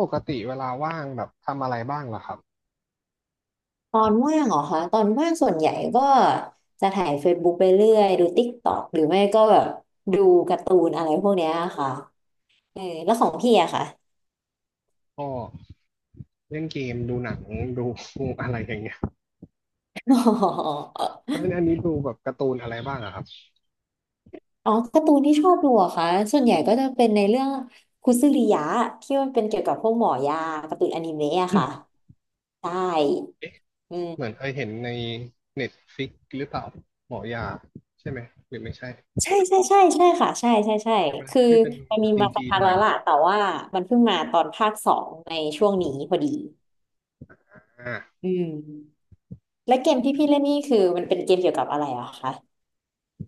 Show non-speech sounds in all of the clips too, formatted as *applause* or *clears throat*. ปกติเวลาว่างแบบทำอะไรบ้างล่ะครับตอนว่างเหรอคะตอนว่างส่วนใหญ่ก็จะถ่ายเฟซบุ๊กไปเรื่อยดู t กต็อกหรือไม่ก็แบบดูการ์ตูนอะไรพวกเนี้ยค่ะเออแล้วของพี่อะค่ะ ก็เล่นเกมดูหนังดูอะไรอย่างเงี้ย *laughs* อ๋อแล้วอันนี้ดูแบบการ์ตูนอะไรบ้างอะครับอ๋อการ์ตูนที่ชอบดูอะค่ะส่วนใหญ่ก็จะเป็นในเรื่องคุซึริยะที่มันเป็นเกี่ยวกับพวกหมอยาการ์ตูนอนิเมะอะค่ะใช่เอ๊ะอืเหมือนมเคยเห็นในเน็ตฟิกหรือเปล่าหมอยาใช่ไหมหรือไม่ใช่ใช่ใช่ใช่ใช่ค่ะใช่ใช่ใช่ใช่ไหมคือที่เป็นมันมีจมาสักีนพัๆกหน่แล้อยวล่ะแต่ว่ามันเพิ่งมาตอนภาคสองในช่วงนี้พอดีอ่าอืม และเกมที่พี่เล่นนี่คือมันเป็นเกมเกี่ยวกับอะไรอะคะ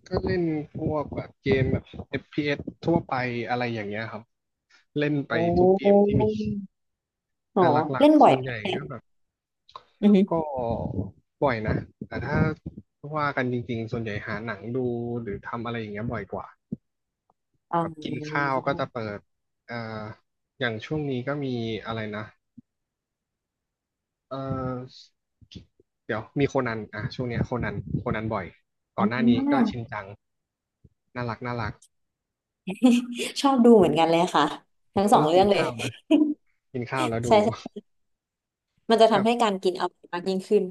ก็เล่นพวกแบบเกมแบบเอฟพีเอสทั่วไปอะไรอย่างเงี้ยครับเล่นไปโอทุกเกม้ที่มีอ๋อแต่หลักเล่นๆบ่อส่ยวนไหใหญ่มก็แบบ อือฮึก็บ่อยนะแต่ถ้าว่ากันจริงๆส่วนใหญ่หาหนังดูหรือทำอะไรอย่างเงี้ยบ่อยกว่าแบบกินอข้าวก็จะเปิดเอ่ออย่างช่วงนี้ก็มีอะไรนะเอ่อเดี๋ยวมีโคนันอ่ะช่วงเนี้ยโคนันโคนันบ่อยอก่อ่อนหน้าานี้ก็ชินจังน่ารักน่ารักชอบดูเหมือนกันเลยค่ะทั้งสต้อองงกิเรื่อนงเลย ข้าวนะกินข้าว *laughs* แล้วดู ใช่ใช่มันจะ *laughs* กับทำให้การกินอร่อยมากยิ่งขึ้น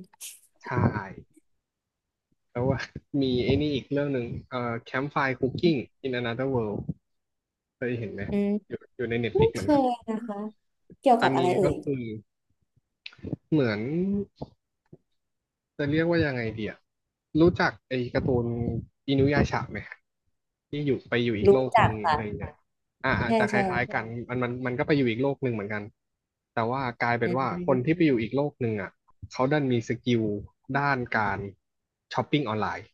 ชาย แล้วว่า *laughs* มีไอ้นี่อีกเรื่องหนึ่งCampfire Cooking in Another World เคยเห็นไหมอืมอยู่อยู่ในเน็ตฟไม่ลิกเหเคมือนกันยนะคะเกี่ยวอักันบอะไรนี้เอ่ก็ยคือเหมือนจะเรียกว่ายังไงเดียรู้จักไอ้การ์ตูนอินุยาชะไหมที่อยู่ไปอยู่อีกโลรู้กหจันึ่กงค่ะอะไรอย่างเงี้ยอ่าอาจใช่จะคใช่ล้ายๆกันมันก็ไปอยู่อีกโลกหนึ่งเหมือนกันแต่ว่ากลายเป็อืนว่าคนที่ไปมอยู่อีกโลกหนึ่งอ่ะเขาดันมีสกิลด้านการช้อปปิ้งออนไลน์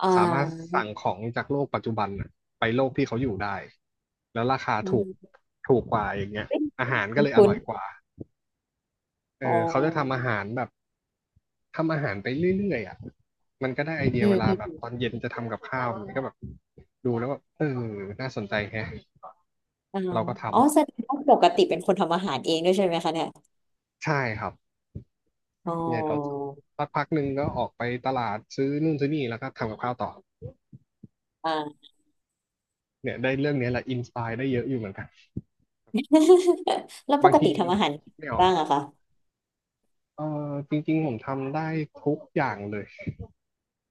อ่สามารถาสั่งของจากโลกปัจจุบันน่ะไปโลกที่เขาอยู่ได้แล้วราคาอืถูกมถูกกว่าอย่างเงี้ยเฮ้อาหารก็ยเลยอคุ้นร่อยกว่าๆเออ๋ออเขาจะทำอาหารแบบทำอาหารไปเรื่อยๆอ่ะมันก็ได้ไอเดียอืเวมลาอืแบบมตอนเย็นจะทำกับข้าวมันก็แบบดูแล้วแบบเออน่าสนใจแฮะอ่าเราก็ทำอ๋อแสดงว่าปกติเป็นคนทำอาหารเองด้วยใช่ไหมคะเนี่ยใช่ครับอ๋อเนี่ยเราสักพักหนึ่งก็ออกไปตลาดซื้อนู่นซื้อนี่แล้วก็ทำกับข้าวต่ออ่า เนี่ยได้เรื่องเนี้ยแหละอินสปายได้เยอะอยู่เหมือนกัน *laughs* แล้วปบางกทีติทำอาหารคิดไม่ออก บ้างอะคะเออจริงๆผมทำได้ทุกอย่างเลย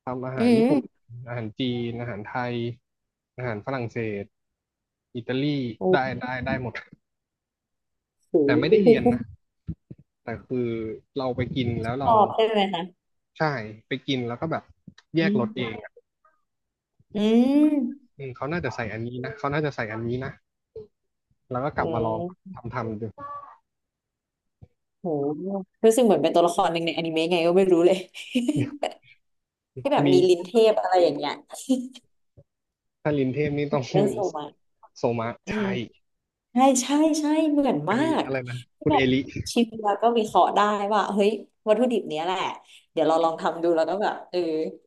ทำอาอืหารญี่ปุ่นมอาหารจีนอาหารไทยอาหารฝรั่งเศสอิตาลีโอได้้ได้ได้หมดโแต่ไม่ได้เรียนหนะแต่คือเราไปกินแล้วชเราอบใช่ไหมคะใช่ไปกินแล้วก็แบบแยอืกรมสเองอะอืมอืมเขาน่าจะใส่อันนี้นะเขาน่าจะใส่อันนี้นะแล้วก็กโอลับมาลอง้ทำดูโหรู้สึกเหมือนเป็นตัวละครหนึ่งในอนิเมะไงก็ไม่รู้เลย *laughs* ที่แบบมีมีลิ้นเทพอะไรอย่างเงี้ยถ้าลินเทพนี่ต้อง เรื่องโซมา *laughs* โซมะอืมใช่ใช่ใช่ใช่เหมือนเป็นมากอะไรนะที่คุณแบเอบลิ ชิมแล้วก็วิเคราะห์ได้ว่าเฮ้ยวัตถุดิบเนี้ยแหละเดี๋ยวเราลองทำดูแล้วก็แบบ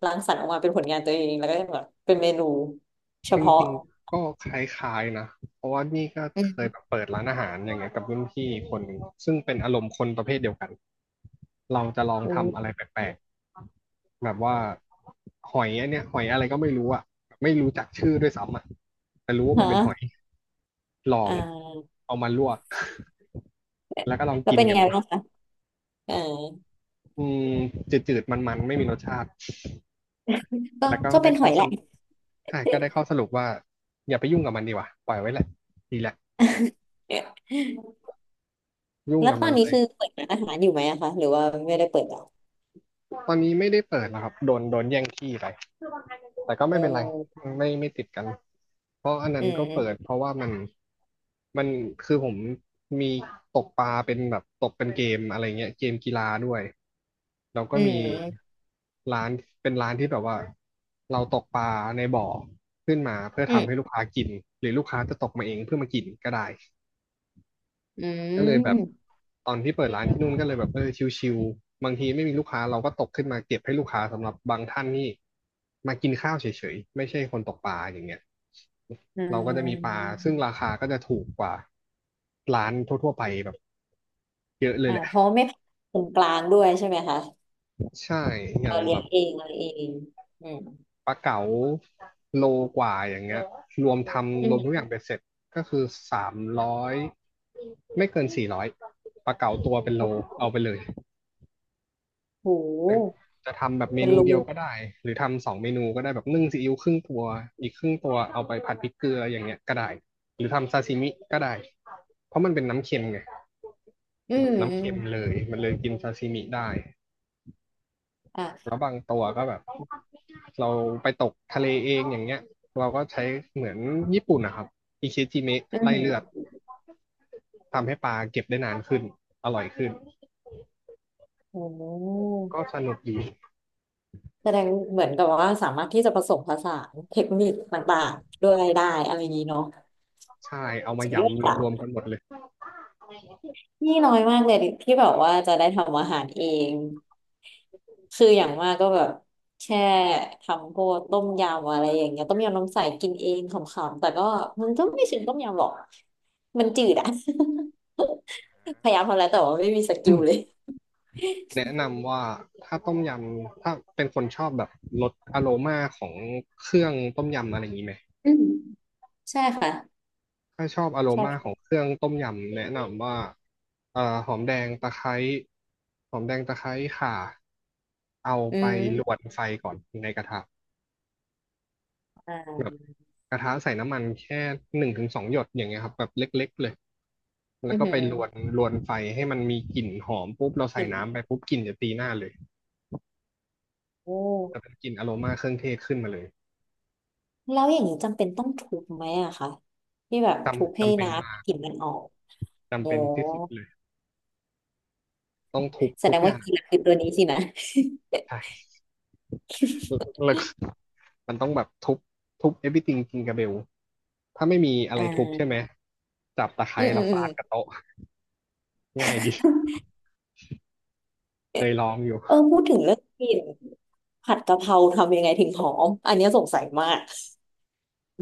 รังสรรค์ออกมาเป็นผลงานตัวเองแล้วก็แบบเป็นเมนูเฉจพาะริงๆก็คล้ายๆนะเพราะว่านี่ก็เคยอแบบเปิดร้านอาหารอย่างเงี้ยกับรุ่นพี่คนหนึ่งซึ่งเป็นอารมณ์คนประเภทเดียวกันเราจะลองืทำอะม ไรแปลกๆแบบว่าหอยอันเนี้ยหอยอะไรก็ไม่รู้อะไม่รู้จักชื่อด้วยซ้ำอะแต่รู้ว่ามันเป็นหอยฮะลออ่งาเอามาลวก *laughs* แล้วก็ลองแล้วกินเป็นยักังนไงดูบ้างคะเอออืมจืดๆมันๆไม่มีรสชาติก็แล้วก็ก็ได้เป็นหข้ออยสแหละ รุปใช่ก็ได้ข้อสรุปว่าอย่าไปยุ่งกับมันดีกว่าปล่อยไว้แหละดีแหละ *laughs* ยุ่งแล้วกับตอมันนนี้ไปคือเปิดร้านอาหารอยู่ไหมอะคะ หรือว่าไม่ได้เปิดแล้วตอนนี้ไม่ได้เปิดแล้วครับโดนแย่งที่ไปแต่ก็เไม่เป็นไร ออไม่ไม่ติดกันเพราะอันอืนั้นก็เปิดมเพราะว่ามัน มันคือผมมีตกปลาเป็นแบบตกเป็นเกมอะไรเงี้ยเกมกีฬาด้วยแล้วก็อืมีมร้านเป็นร้านที่แบบว่าเราตกปลาในบ่อขึ้นมาเพื่ออืทำให้ลูมกค้ากินหรือลูกค้าจะตกมาเองเพื่อมากินก็ได้ อืก็เลยแบบมตอนที่เปิดร้านที่นู่นก็เลยแบบเออชิวๆบางทีไม่มีลูกค้าเราก็ตกขึ้นมาเก็บให้ลูกค้าสำหรับบางท่านนี่มากินข้าวเฉยๆไม่ใช่คนตกปลาอย่างเงี้ยอืเราก็จะมีปลามซึ่งราคาก็จะถูกกว่าร้านทั่วๆไปแบบเยอะเลยอ่าแหละเพราะไม่ผ่านคนกลางด้วยใช่ไหมคะใช่อเอย่างอเลี้แบยงบเองอะไรเองอืมปลาเก๋าโลกว่าอย่างเงี้ยรวมทอืำรวมมทุกอย่างเป็นเสร็จก็คือ300ไม่เกิน400ปลาเก๋าตัวเป็นโอโล้เอาไปเลย โหจะทำแบบเมเป็นนูรูเดียวก็ได้หรือทำสองเมนูก็ได้แบบนึ่งซีอิ๊วครึ่งตัวอีกครึ่งตัวเอาไปผัดพริกเกลืออย่างเงี้ยก็ได้หรือทำซาซิมิก็ได้เพราะมันเป็นน้ำเค็มไงอืแบมบอืน้ำมเค็มเลยมันเลยกินซาซิมิได้อ่ะแล้วบางตัวก็แบบเราไปตกทะเลเองอย่างเงี้ยเราก็ใช้เหมือนญี่ปุ่นนะครับอิเชจิเมะอืไล่เลือดมทำให้ปลาเก็บได้นานขึ้นอร่อยขึ้นโอ้ ก็สนุกดีแสดงเหมือนกับว่าสามารถที่จะผสมผสานเทคนิคต่างๆด้วยได้อะไรอย่างนี้เนาะใช่เอามาสุดยยอดอะำรวมๆกันหมดเลย นี่น้อยมากเลยที่แบบว่าจะได้ทำอาหารเองคืออย่างมากก็แบบแค่ทำพวกต้มยำอะไรอย่างเงี้ยต้มยำน้ำใสกินเองขำๆแต่ก็มันก็ไม่ถึงต้มยำหรอกมันจืดอะ *laughs* พยายามทำแล้วแต่ว่าไม่มีสกิลเล *clears throat* ยแนะนำว่าถ้าต้มยำถ้าเป็นคนชอบแบบรสอโรมาของเครื่องต้มยำอะไรอย่างนี้ไหมอืมใช่ค่ะถ้าชอบอโรชอมาของบเครื่องต้มยำแนะนำว่าเอ่อหอมแดงตะไคร้หอมแดงตะไคร้ข่าเอาอืไปลวมนไฟก่อนในกระทะอ่าแบบกระทะใส่น้ำมันแค่หนึ่งถึงสองหยดอย่างเงี้ยครับแบบเล็กๆเลยแล้อืวอก็หืไปอลวนไฟให้มันมีกลิ่นหอมปุ๊บเราใส่อิ่มน้ำไปปุ๊บกลิ่นจะตีหน้าเลยโอ้ จะเป็นกลิ่นอโรมาเครื่องเทศขึ้นมาเลย แล้วอย่างนี้จำเป็นต้องทุบไหมอะคะที่แบบทุบจำให้จำเป็นมากน้ำกลิ่นมันออกจำโอ้เป็นที่สุดเลยต้องทุบแสทุดกงอว่าย่างกินคือตัวนี้สินะใช่แล้วก็มันต้องแบบทุบ everything จริงกับเบลถ้าไม่มีอะอ่ไรทุบใช่ไหมาจับตะไคร้อืมอืแล้วมอืฟามดกับโต๊ะง่ายดีเคยลองอยู่พูดถึงเรื่องกลิ่นผัดกะเพราทำยังไงถึงหอมอันเนี้ยสงสัยมาก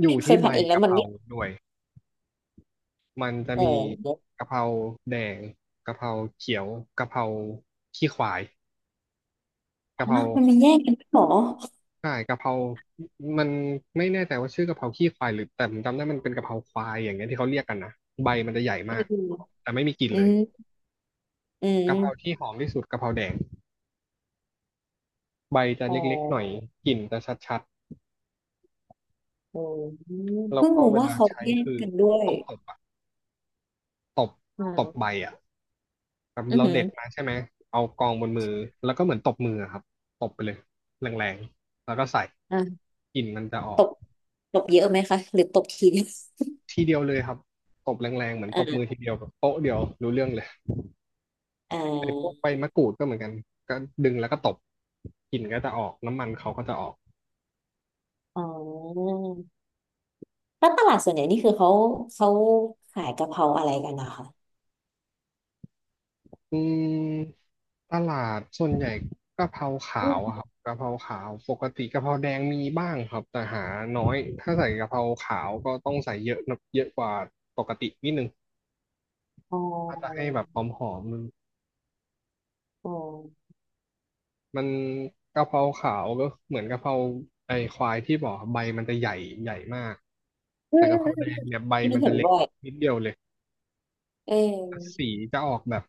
อยู่ *laughs* เคที่ยใบผัดเองแล้วกะมัเพนราไม่ด้วยมันจะเอมีอกะเพราแดงกะเพราเขียวกะเพราขี้ควายอ๋อกะเพรา มันไม่แยกกันด้วยเหรอใช่กะเพรามันไม่แน่ใจว่าชื่อกะเพราขี้ควายหรือแต่ผมจำได้มันเป็นกะเพราควายอย่างเงี้ยที่เขาเรียกกันนะใบมันจะใหญ่อมากืมแต่ไม่มีกลิ่นอืเลยมอืกะเพรามที่หอมที่สุดกะเพราแดงใบจะอ๋อเล็กๆหน่อยกลิ่นจะชัดอืมๆแล้วเพิ่งก็รู้เวว่าลาเขาใช้แยกคือกันด้วยต้องตบอะตบตบอ่าใบอะแบบอือเราหือเด็ดมาใช่ไหมเอากองบนมือแล้วก็เหมือนตบมืออะครับตบไปเลยแรงๆแล้วก็ใส่อ่ากลิ่นมันจะอตอกบตบเยอะไหมคะหรือตบที *laughs* เดียวทีเดียวเลยครับตบแรงๆเหมือนตบมืออ่าทีเดียวแบบโป๊ะเดียวรู้เรื่องเลย อ่ไอ้พวกา ใบมะกรูดก็เหมือนกันก็ดึงแล้วก็ตบกลิ่นก็จะออกน้ำมันเขาก็จะออกอ๋อแล้วตลาดส่วนใหญ่นี่คือเขาเขาขายกะเพราอะไรกันนะคะอืมตลาดส่วนใหญ่กะเพราอขาวมอะครับกะเพราขาวปกติกะเพราแดงมีบ้างครับแต่หาน้อยถ้าใส่กะเพราขาวก็ต้องใส่เยอะนะเยอะกว่าปกตินิดนึงอ๋ถ้าจะอให้แบบหอมมันอ๋อมันกะเพราขาวก็เหมือนกะเพราไอ้ควายที่บอกใบมันจะใหญ่มากอืแต่มอืกะมเพราอืแดมงเนี่ยใบอันมันี้นจะเห็นเล็กบ่อยนิดเดียวเลย เออสีจะออกแบบ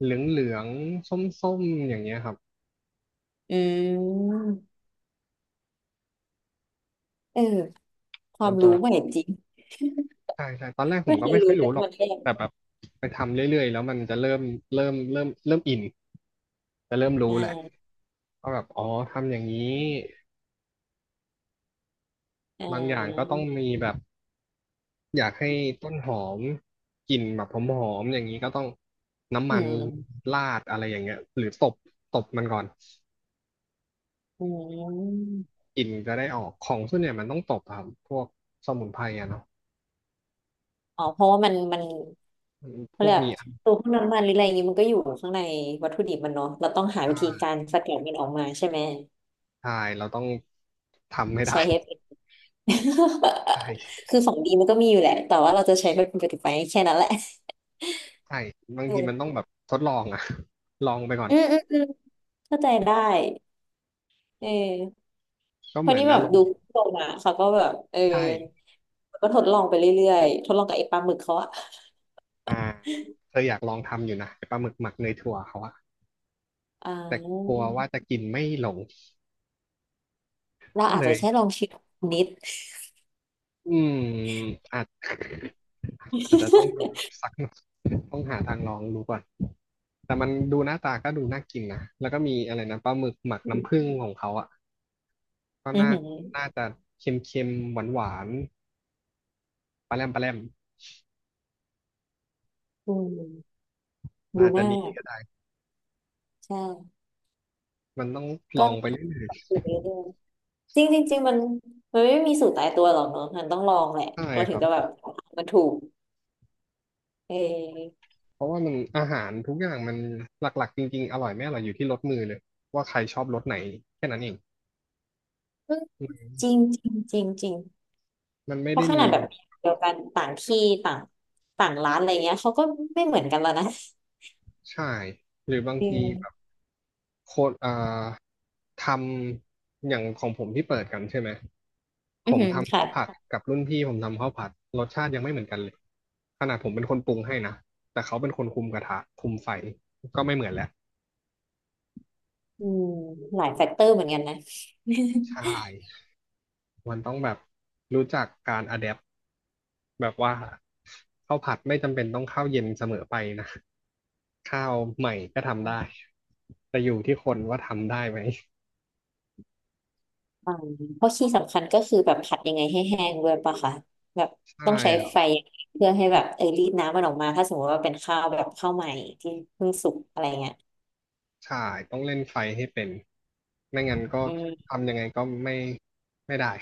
เหลืองเหลืองส้มส้มๆอย่างเงี้ยครับอืมเออความัมนจะรู้ใหม่จริงใช่ใช่ตอนแรกผไม่มก็เคยไม่ค่อรู้ยเลรู้ยหรว่าอกมันแค่แต่แบบไปทำเรื่อยๆแล้วมันจะเริ่มอินจะเริ่มอรู้แหละ่าก็แบบอ๋อทำอย่างนี้อ่บางอย่างก็าต้องมีแบบอยากให้ต้นหอมกลิ่นแบบหอมๆอย่างนี้ก็ต้องน้ำอืมันมราดอะไรอย่างเงี้ยหรือตบตบมันก่อนอืมกลิ่นจะได้ออกของส่วนใหญ่ยมันต้องตบอะครับพวกสมุนไพรอะเนาะอ๋อเพราะว่ามันมันพเขาวเรีกยกว่ามีอัญตัวพวกน้ำมันหรืออะไรอย่างงี้มันก็อยู่ข้างในวัตถุดิบมันเนาะเราต้องหาชัวิธีน การสกัดมันออกมาใช่ไหมใช่เราต้องทำให้ได้ ใช้เฮ *laughs* ใช่ *laughs* คือของดีมันก็มีอยู่แหละแต่ว่าเราจะใช้มันเป็นประโยชน์ไปแค่นั้นแหละใช่บางอืทีมันต้อมงแบบทดลองอะ *laughs* ลองไปก่อนอืมอืมอืมเข้าใจได้เออก็เพเหราะมือนนี่แบอาบรมดูณ์โปรมาเขาก็แบบใช่ก็ทดลองไปเรื่อยๆทดลองกับไอ้ปลาหมึกเขาอะอ่าเคยอยากลองทำอยู่นะไอ้ปลาหมึกหมักเนยถั่วเขาอะอ่แต่กลัาวว่าจะกินไม่ลงเราก็อาจเลจะยแค่ลองชิมนิด อืมอาจอาจจะต้องสักหน่อยต้องหาทางลองดูก่อนแต่มันดูหน้าตาก็ดูน่ากินนะแล้วก็มีอะไรนะปลาหมึกหมักน้ำผึ้ง *laughs* ของเขาอ่ะก็อือน่าหือน่าจะเค็มๆหวานๆปลาแรมอืมดูอาจหจะน้าดี ใช่มันต้องลก็องไปหัเรื่ดอยดูไปเรื่อยๆจริงจริงจริงมันมันไม่มีสูตรตายตัวหรอกเนอะมันต้องลองแหละๆใช่เราคถึรังบจะแบบมันถูกเออ เพราะว่ามันอาหารทุกอย่างมันหลักๆจริงๆอร่อยไม่อร่อยอยู่ที่รสมือเลยว่าใครชอบรสไหนแค่นั้นเองจริงจริงจริงจริงมันไม่เพได้ราะขมีนาดแบแบบบเดียวกันต่างที่ต่างต่างร้านอะไรเงี้ยเขาก็ไม่เหมือนกันแล้วนะใช่หรือบางอืทีแบบมโคตรอ่าทำอย่างของผมที่เปิดกันใช่ไหมอืผอมหือทำค่ะข้าวผัดกับรุ่นพี่ผมทำข้าวผัดรสชาติยังไม่เหมือนกันเลยขนาดผมเป็นคนปรุงให้นะแต่เขาเป็นคนคุมกระทะคุมไฟก็ไม่เหมือนแล้วอืมหลายแฟกเตอร์เหมือนกันนะ *laughs* ใช่ มันต้องแบบรู้จักการอะแดปแบบว่าข้าวผัดไม่จำเป็นต้องข้าวเย็นเสมอไปนะข้าวใหม่ก็ทำได้แต่อยู่ที่คนว่าทำได้ไหมอ่าเพราะที่สำคัญก็คือแบบผัดยังไงให้แห้งด้วยปะคะแบบใช่ต้องใช้ครัไฟบเพื่อให้แบบรีดน้ำมันออกมาถ้าสมมติว่าเป็นข้าวแบบข้าวใหม่ที่เพิ่งสุกอะไรเงี้ยใช่ต้องเล่นไฟให้เป็นไม่งั้นก็อืมทำยังไงก็ไม่ได้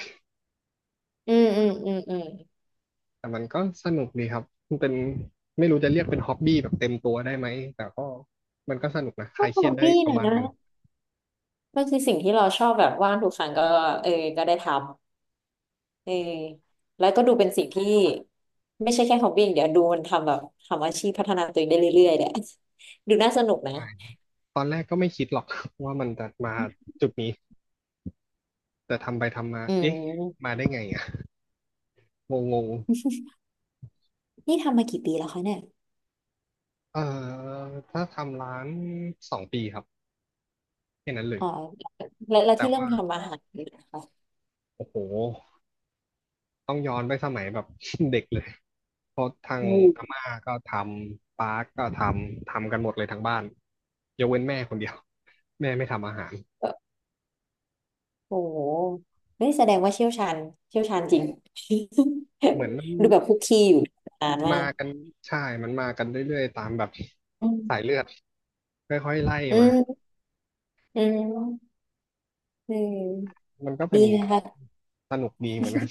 อืมอืมอืมอืมแต่มันก็สนุกดีครับมันเป็นไม่รู้จะเรียกเป็นฮ็อบบี้แบบเต็มตัวได้ไหมแต่ก็มันก็สนุกนะคก็ลายฮเคอรียดบได้บี้ประนะมาณหนึ่งมันคือสิ่งที่เราชอบแบบว่างทุกครั้งก็ก็ได้ทำ เออ แล้วก็ดูเป็นสิ่งที่ไม่ใช่แค่ฮอบบี้อย่างเดี๋ยวดูมันทำแบบทำอาชีพพัฒนาตัวเองได้เรื่อยๆเนี่ยดูน่าสนุกนะใช่ตอนแรกก็ไม่คิดหรอก *laughs* ว่ามันจะมาจุดนี้ แต่ทำไปทำมาอืเอ๊ะมมาได้ไงอ่ะงงงนี่ทำมากี่ปีแล้วคะเนี่ยเอ่อถ้าทำร้านสองปีครับแค่นั้นเลยอ๋อแล้วแล้วแต่ที่เริ่มว่าทำอาหารนะคะโอ้โหต้องย้อนไปสมัยแบบ *laughs* เด็กเลยเพราะทางอือามม่าก็ทำป้าก็ทำกันหมดเลยทั้งบ้านยกเว้นแม่คนเดียว *laughs* แม่ไม่ทำอาหารโอ้โหนี่แสดงว่าเชี่ยวชาญเชี่ยวชาญจริง เหมือนมัน *laughs* ดูแบบคุกคีอยู่นานมามากกันใช่มันมากันเรื่อยๆตามแบบอืสายมเลือดค่อยๆไล่อืมามอืมอืมมันก็เป็ดีนนะคะสนุกดีเหมือนกัน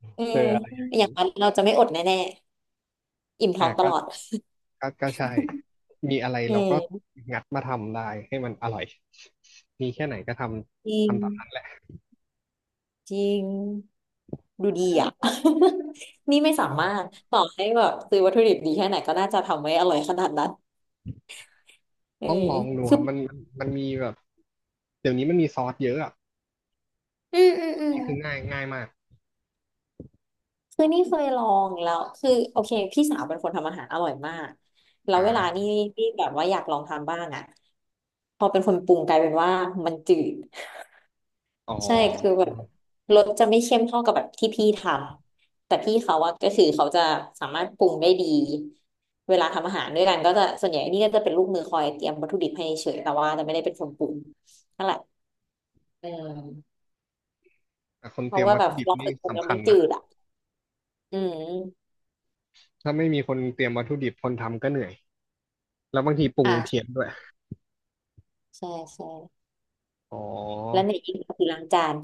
*laughs* อืเจมออะไรอย่างอย่านี้งนั้นเราจะไม่อดแน่ๆอิ่มท้อ่ะองตก็ ลอดก็ใช่ มีอะไรอืเราก็มงัดมาทำได้ให้มันอร่อยมีแค่ไหนก็ทจริำง ทำตามนั้นแหละจริงดูดีอ่ะ *laughs* นี่ไม่สาต้องมารถต่อให้แบบซื้อวัตถุดิบดีแค่ไหนก็น่าจะทำไม่อร่อยขนาดนั้นเออต้องลองดูคคือรับมันมีแบบเดี๋ยวนี้มันมีซอสเยอะอ่ะอืมอืมอันอืมนี่คือง่ายมากคือนี่เคยลองแล้วคือโอเคพี่สาวเป็นคนทำอาหารอร่อยมากแล้อวเวลานี่่านี่แบบว่าอยากลองทำบ้างอ่ะพอเป็นคนปรุงกลายเป็นว่ามันจืด อ๋อใช่ คือแบบรสจะไม่เข้มเท่ากับแบบที่พี่ทำ แต่พี่เขาอะก็คือเขาจะสามารถปรุงได้ดี เวลาทำอาหารด้วยกันก็จะส่วนใหญ่นี่ก็จะเป็นลูกมือคอยเตรียมวัตถุดิบให้เฉยแต่ว่าจะไม่ได้เป็นคนปรุงนั่นแหละอืมแต่คนเพเตรีราะยมว่าวัตแบถุบดิบลองนี่ฝึกปรุงแล้สำวคัมัญนจืนะดอ่ะอืมถ้าไม่มีคนเตรียมวัตถุดิบคนทำก็เหนื่อยแล้วบางทีปรุงเพี้ยนอ่ะด้วยใช่ใช่อ๋อแล้วในอีกก็คือล้างจาน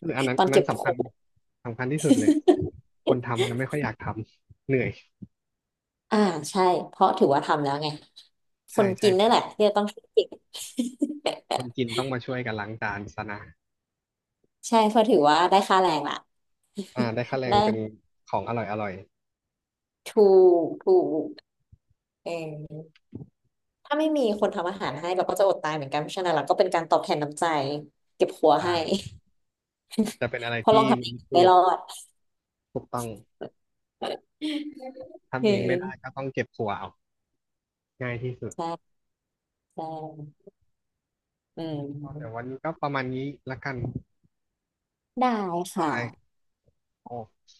คืออันนั้ *laughs* นตออันนนั้เก็นบขสำคัอญง *laughs* สำคัญที่สุดเลย คนทำจะไม่ค่อยอยากทำเหนื่อยอ่าใช่เพราะถือว่าทำแล้วไงคใช่นกิใช่นนั่นใช่แหละที่จะต้องคิดเก่ง คนกินต้องมาช่วยกันล้างจานซะนะ ใช่เพราะถือว่าได้ค่าแรงละ อ่าได้ค่า *laughs* แรงได้เป็นของอร่อยอร่อยถูกถูกเออถ้าไม่มีคนทำอาหารให้เราก็จะอดตายเหมือนกันเพราะฉะนั้นเราก็เป็นการตอบแทนน้ำใจเก็บหัวให้ อ่าจะเป็นอะไร *laughs* เพราะลที่องทำเอวิงนพูไม่ดรอด ถูกต้อง *laughs* ทำเออเองไม่ได้ก็ต้องเก็บถั่วเอาง่ายที่สุดใช่ใช่อืก็เดี๋ยววันมนี้ก็ประมาณนี้ละกันได้บาค่ะยโอเค